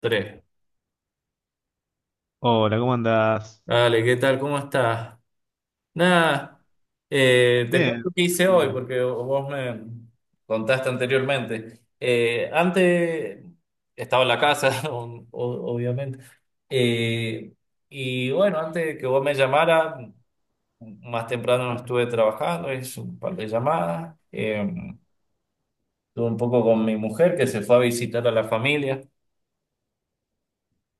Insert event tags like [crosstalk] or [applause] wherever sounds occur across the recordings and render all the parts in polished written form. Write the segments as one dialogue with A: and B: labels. A: Tres.
B: Hola, ¿cómo andás?
A: Dale, ¿qué tal? ¿Cómo estás? Nada, te
B: Bien.
A: cuento qué hice hoy
B: Bien.
A: porque vos me contaste anteriormente. Antes estaba en la casa, [laughs] obviamente. Eh, y bueno, antes de que vos me llamara, más temprano estuve trabajando, hice un par de llamadas. Estuve un poco con mi mujer que se fue a visitar a la familia,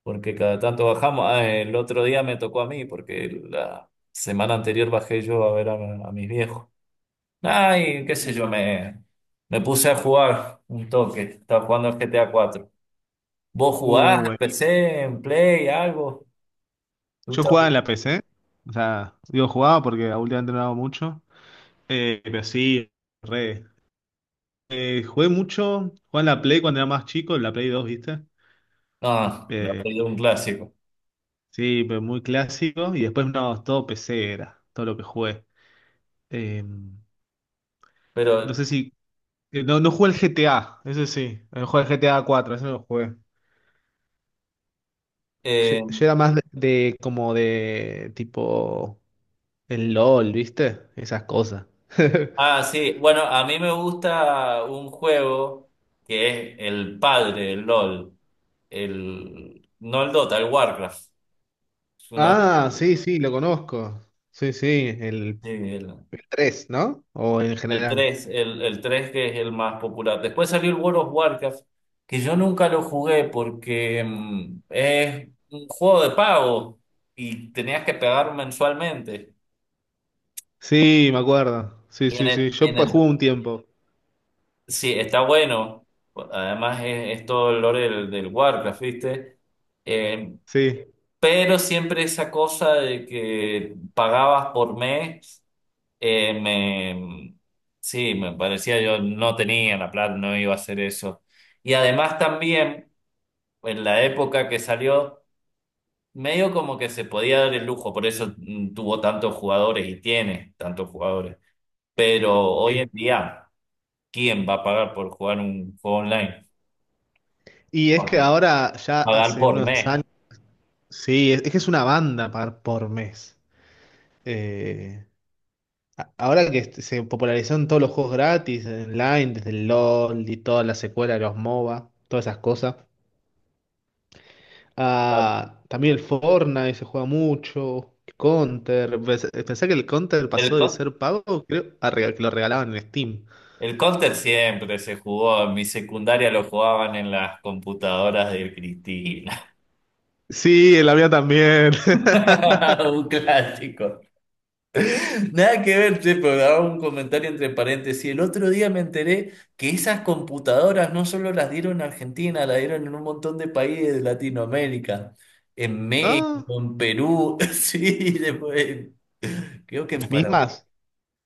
A: porque cada tanto bajamos. Ah, el otro día me tocó a mí, porque la semana anterior bajé yo a ver a, mis viejos. Ay, qué sé yo, me puse a jugar un toque. Estaba jugando al GTA cuatro. ¿Vos jugás en
B: Buenísimo.
A: PC, en Play, algo? ¿Te
B: Yo
A: gusta?
B: jugaba en la PC, o sea, digo jugaba porque últimamente no hago mucho, pero sí, re. Jugué mucho, jugaba en la Play cuando era más chico, en la Play 2, ¿viste?
A: No, la
B: Eh,
A: Play es un clásico.
B: sí, pero muy clásico, y después no, todo PC era, todo lo que jugué. Eh, no
A: Pero,
B: sé si, No, no jugué el GTA, ese sí, no jugué el GTA 4, ese no lo jugué. Yo,
A: eh,
B: yo era más de como de tipo el LOL, ¿viste? Esas cosas. [laughs]
A: ah, sí, bueno, a mí me gusta un juego que es el padre, el LOL. No el Dota, el Warcraft. Es uno-
B: Ah, sí, sí, lo conozco. Sí, sí, el
A: sí,
B: 3, ¿no? O en
A: el
B: general.
A: tres, el 3 que es el más popular. Después salió el World of Warcraft, que yo nunca lo jugué porque es un juego de pago y tenías que pagar mensualmente.
B: Sí, me acuerdo. Sí,
A: Y en
B: sí, sí.
A: el,
B: Yo
A: en el,
B: jugué un tiempo.
A: sí, está bueno. Además es todo el lore del, del Warcraft, ¿viste? Eh,
B: Sí.
A: pero siempre esa cosa de que pagabas por mes. Eh, me, sí, me parecía, yo no tenía la plata, no iba a hacer eso. Y además también, en la época que salió, medio como que se podía dar el lujo, por eso tuvo tantos jugadores y tiene tantos jugadores. Pero hoy en día, ¿quién va a pagar por jugar un juego online?
B: Y es que ahora, ya
A: Pagar
B: hace
A: por
B: unos
A: mes.
B: años, sí, es que es una banda por mes. Eh, Ahora que se popularizaron todos los juegos gratis, online, desde el LOL y toda la secuela de los MOBA, todas esas cosas.
A: Ah,
B: Ah, también el Fortnite se juega mucho. Counter. Pensé que el Counter
A: El,
B: pasó de
A: co-
B: ser pago, creo, a que lo regalaban en Steam.
A: el Counter siempre se jugó, en mi secundaria lo jugaban en las computadoras de Cristina.
B: Sí, en la mía también. [laughs]
A: [laughs] Un clásico. Nada que ver, che, pero daba un comentario entre paréntesis. El otro día me enteré que esas computadoras no solo las dieron en Argentina, las dieron en un montón de países de Latinoamérica, en
B: Ah,
A: México, en Perú, [laughs] sí, después, creo que en
B: las
A: Paraguay.
B: mismas.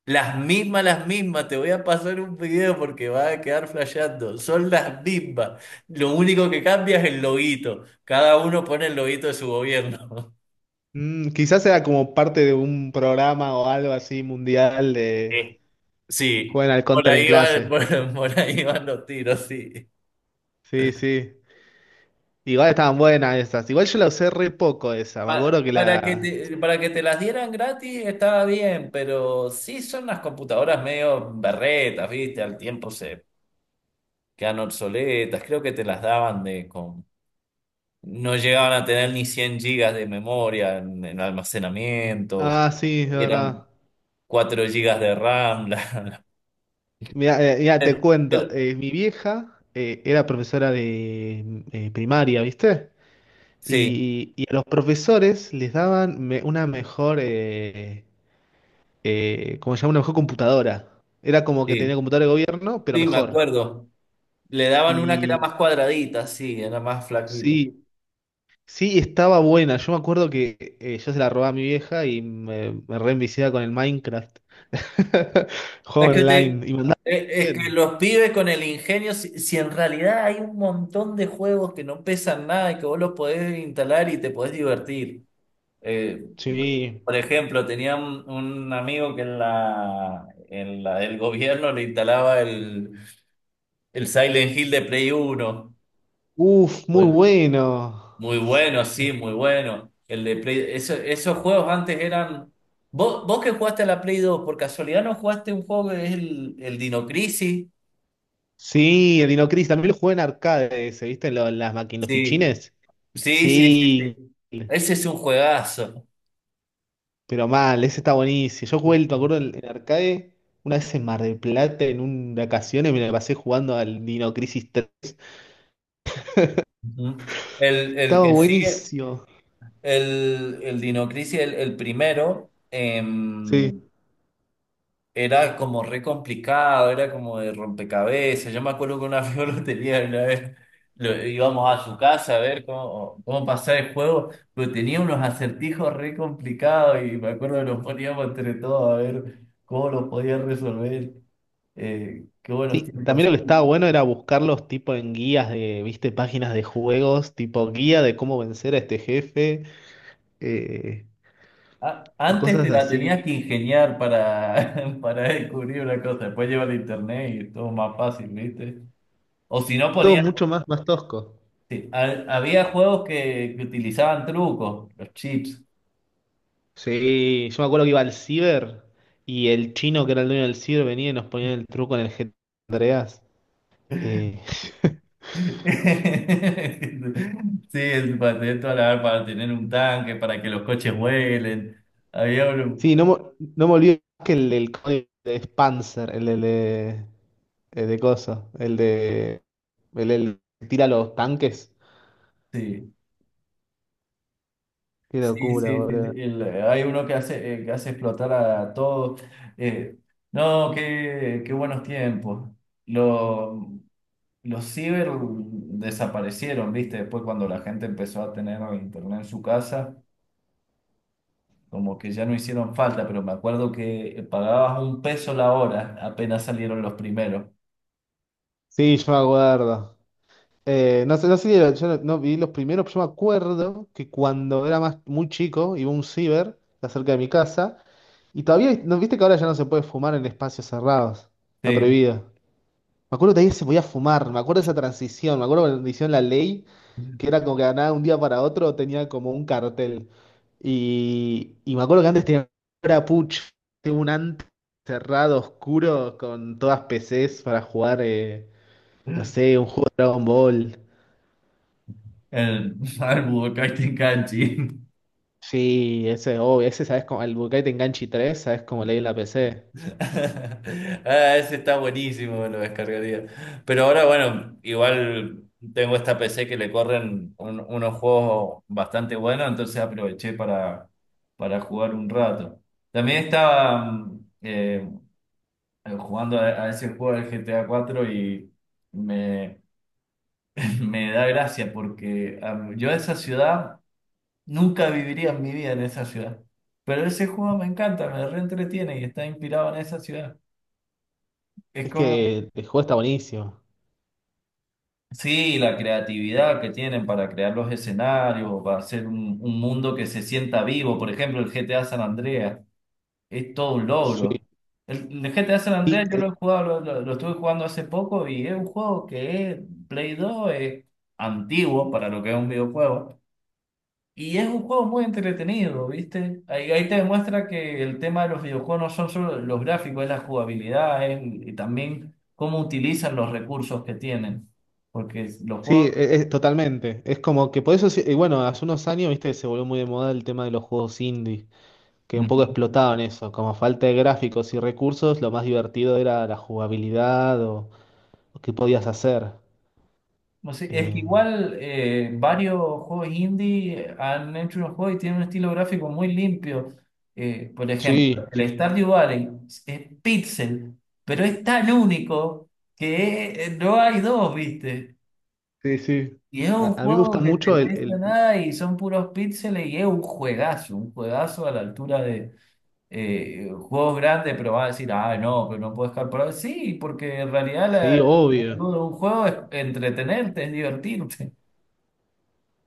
A: Las mismas, te voy a pasar un video porque va a quedar flasheando. Son las mismas. Lo único que cambia es el loguito. Cada uno pone el loguito de su gobierno. [laughs]
B: Mm, quizás era como parte de un programa o algo así mundial de
A: Sí, sí,
B: juegan al
A: por
B: Counter en
A: ahí van, [laughs]
B: clase.
A: por ahí van los tiros, sí.
B: Sí, sí. Igual estaban buenas esas. Igual yo la usé re poco esa. Me acuerdo que
A: Para que
B: la.
A: te, para que te las dieran gratis estaba bien, pero sí, son las computadoras medio berretas, ¿viste? Al tiempo se quedan obsoletas. Creo que te las daban de con... No llegaban a tener ni 100 gigas de memoria en almacenamiento.
B: Ah, sí, es verdad.
A: Eran 4 gigas de RAM. [laughs]
B: Mira, mira, te cuento,
A: Pero
B: mi vieja era profesora de primaria, ¿viste?
A: sí,
B: Y a los profesores les daban una mejor, ¿cómo se llama? Una mejor computadora. Era como que tenía
A: sí,
B: computadora de gobierno, pero
A: sí, me
B: mejor.
A: acuerdo. Le daban una que era
B: Y
A: más cuadradita, sí, era más flaquita.
B: sí, sí, estaba buena. Yo me acuerdo que yo se la robaba a mi vieja y me re enviciaba con el Minecraft. [laughs] Juego
A: Es que, te-
B: online. Y me andaba
A: es que
B: bien.
A: los pibes con el ingenio, si, si en realidad hay un montón de juegos que no pesan nada y que vos los podés instalar y te podés divertir. Eh,
B: Sí.
A: por ejemplo, tenía un amigo que en la del gobierno le instalaba el Silent Hill de Play Uno.
B: Uf,
A: O
B: muy
A: el-
B: bueno.
A: Muy bueno, sí, muy bueno. El de Play, esos juegos antes eran... Vos, vos que jugaste a la Play dos, por casualidad no jugaste un juego que es el Dino Crisis.
B: Sí, el Dino Crisis, también lo jugué en arcade ese, ¿viste? En en las
A: Sí,
B: maquinofichines.
A: sí, sí, sí,
B: Sí,
A: sí. Ese es un juegazo.
B: pero mal, ese está buenísimo. Yo jugué, me acuerdo, en arcade, una vez en Mar del Plata, en un vacaciones, me la pasé jugando al Dino Crisis 3.
A: Ujú. El, el
B: Estaba
A: que sigue,
B: buenísimo.
A: el Dino Crisis, el primero,
B: Sí.
A: era como re complicado, era como de rompecabezas. Yo me acuerdo que una vez yo [laughs] lo tenía, una vez íbamos a su casa a ver cómo, cómo pasar el juego, pero tenía unos acertijos re complicados y me acuerdo que nos poníamos entre todos a ver cómo los podían resolver. Qué buenos
B: Sí,
A: tiempos.
B: también lo que estaba bueno era buscarlos tipo en guías de, viste, páginas de juegos, tipo guía de cómo vencer a este jefe, eh,
A: Antes
B: cosas
A: te la
B: así.
A: tenías que ingeniar para, [laughs] para descubrir una cosa, después lleva el internet y todo más fácil, ¿viste? O si no
B: Todo
A: ponías,
B: mucho más, más tosco.
A: sí, había juegos que utilizaban trucos, los chips. [laughs]
B: Sí, yo me acuerdo que iba al ciber y el chino que era el dueño del ciber venía y nos ponía el truco en el GTA Andreas. Eh, [laughs]
A: Sí, para tener toda para tener un tanque, para que los coches vuelen. Había uno,
B: sí, no, no me olvido que el del código de Spancer, el de, el de coso, el de el que tira los tanques.
A: sí,
B: Qué
A: sí,
B: locura,
A: sí, sí,
B: boludo.
A: sí, hay uno que hace explotar a todos. Eh, no, qué, qué buenos tiempos. Lo, Los ciber desaparecieron, ¿viste? Después, cuando la gente empezó a tener internet en su casa, como que ya no hicieron falta, pero me acuerdo que pagabas un peso la hora, apenas salieron los primeros.
B: Sí, yo me acuerdo. No sé si yo no, no vi los primeros, pero yo me acuerdo que cuando era más muy chico, iba a un ciber cerca de mi casa, y todavía, ¿no viste que ahora ya no se puede fumar en espacios cerrados? Está
A: Sí.
B: prohibido. Me acuerdo que todavía se podía fumar, me acuerdo de esa transición, me acuerdo cuando hicieron la ley, que era como que nada, un día para otro tenía como un cartel. Y me acuerdo que antes tenía era puch, tenía un antes cerrado, oscuro, con todas PCs para jugar, no sé, un juego de Dragon Ball.
A: El, [laughs] al Budokai Tenkaichi.
B: Sí, ese, oh, ese, ¿sabes? Como, el Budokai Tenganchi tres, ¿sabes? Como leí en la PC.
A: [laughs] Ah, ese está buenísimo, me lo descargaría. Pero ahora, bueno, igual tengo esta PC que le corren unos juegos bastante buenos, entonces aproveché para jugar un rato. También estaba jugando a ese juego del GTA cuatro me, [laughs] me da gracia porque yo esa ciudad nunca viviría en mi vida en esa ciudad. Pero ese juego me encanta, me reentretiene y está inspirado en esa ciudad. Es
B: Es
A: como...
B: que el juego está buenísimo.
A: Sí, la creatividad que tienen para crear los escenarios, para hacer un mundo que se sienta vivo. Por ejemplo, el GTA San Andreas es todo un
B: Sí,
A: logro. El GTA San
B: sí,
A: Andreas yo lo he
B: eh,
A: jugado, lo, lo estuve jugando hace poco y es un juego que es Play 2, es antiguo para lo que es un videojuego. Y es un juego muy entretenido, ¿viste? Ahí, ahí te demuestra que el tema de los videojuegos no son solo los gráficos, es la jugabilidad, y también cómo utilizan los recursos que tienen. Porque los
B: sí, eh,
A: juegos...
B: Totalmente. Es como que por eso, y bueno, hace unos años, viste, se volvió muy de moda el tema de los juegos indie, que un poco
A: Mm.
B: explotaban eso. Como falta de gráficos y recursos, lo más divertido era la jugabilidad o qué podías hacer.
A: No sé, es que
B: Em,
A: igual varios juegos indie han hecho unos juegos y tienen un estilo gráfico muy limpio. Por ejemplo,
B: sí, sí,
A: el
B: sí,
A: Stardew Valley es pixel, pero es tan único que no hay dos, ¿viste?
B: sí. Sí.
A: Y es un
B: A mí me
A: juego
B: gusta
A: que te
B: mucho
A: pesa
B: el...
A: nada y son puros píxeles y es un juegazo a la altura de juegos grandes, pero vas a decir, "ah, no, pero no puedo jugar por ahora". Sí, porque en realidad la
B: Sí, obvio.
A: actitud de un juego es entretenerte, es divertirte. [laughs]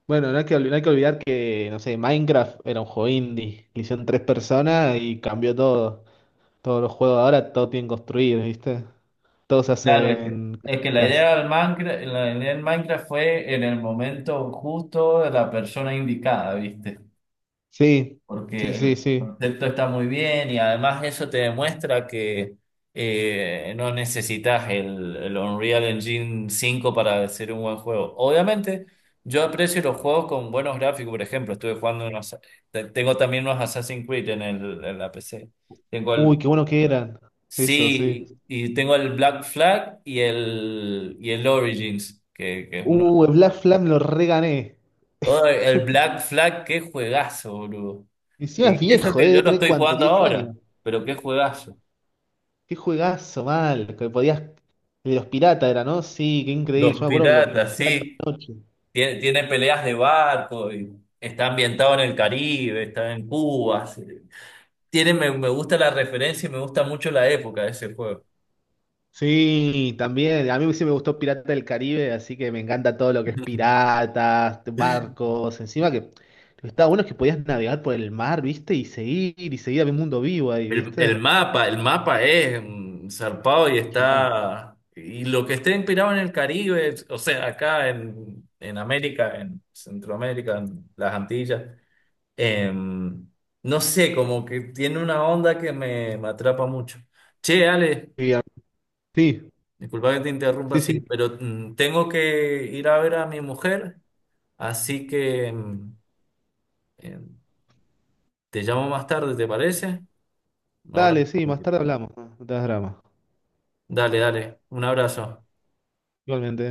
B: Bueno, no hay que, no hay que olvidar que, no sé, Minecraft era un juego indie. Lo hicieron 3 personas y cambió todo. Todos los juegos ahora, todo tienen construir, ¿viste? Todos se
A: Claro,
B: hacen
A: es que la
B: casitas.
A: idea del Minecraft, la idea del Minecraft fue en el momento justo de la persona indicada, ¿viste?
B: Sí, sí,
A: Porque
B: sí,
A: el
B: sí.
A: concepto está muy bien y además eso te demuestra que no necesitas el Unreal Engine cinco para hacer un buen juego. Obviamente, yo aprecio los juegos con buenos gráficos. Por ejemplo, estuve jugando unos, tengo también unos Assassin's Creed en el, en la PC. Tengo
B: Uy,
A: el,
B: qué bueno que eran. Eso, sí.
A: sí, y tengo el Black Flag y el Origins, que es uno.
B: El Black Flag lo regané.
A: Oh, el Black Flag, qué juegazo, boludo.
B: Encima es
A: Y eso
B: viejo, ¿eh?
A: que yo
B: Debe
A: lo
B: tener
A: estoy
B: cuánto,
A: jugando
B: 10
A: ahora,
B: años.
A: pero qué juegazo.
B: Qué juegazo, mal. Que podías. El de los piratas era, ¿no? Sí, qué increíble. Yo
A: Los
B: me acuerdo que lo
A: piratas,
B: visité toda
A: sí.
B: la noche.
A: Tiene, tiene peleas de barco, y está ambientado en el Caribe, está en Cuba. Sí. Tiene, me gusta la referencia y me gusta mucho la época de ese juego.
B: Sí, también. A mí sí me gustó Pirata del Caribe, así que me encanta todo lo que es piratas, barcos. Encima que lo que estaba bueno es que podías navegar por el mar, ¿viste? Y seguir, había un mundo vivo ahí, ¿viste?
A: El mapa es mm, zarpado y
B: Gigante.
A: está. Y lo que esté inspirado en el Caribe, o sea, acá en América, en Centroamérica, en las Antillas. Em, no sé, como que tiene una onda que me atrapa mucho. Che, Ale,
B: Sí, sí,
A: disculpa que te interrumpa así,
B: sí.
A: pero mm, tengo que ir a ver a mi mujer, así que mm, em, te llamo más tarde, ¿te parece? Ahora.
B: Dale, sí,
A: Ok.
B: más tarde hablamos. No te hagas drama.
A: Dale, dale, un abrazo.
B: Igualmente.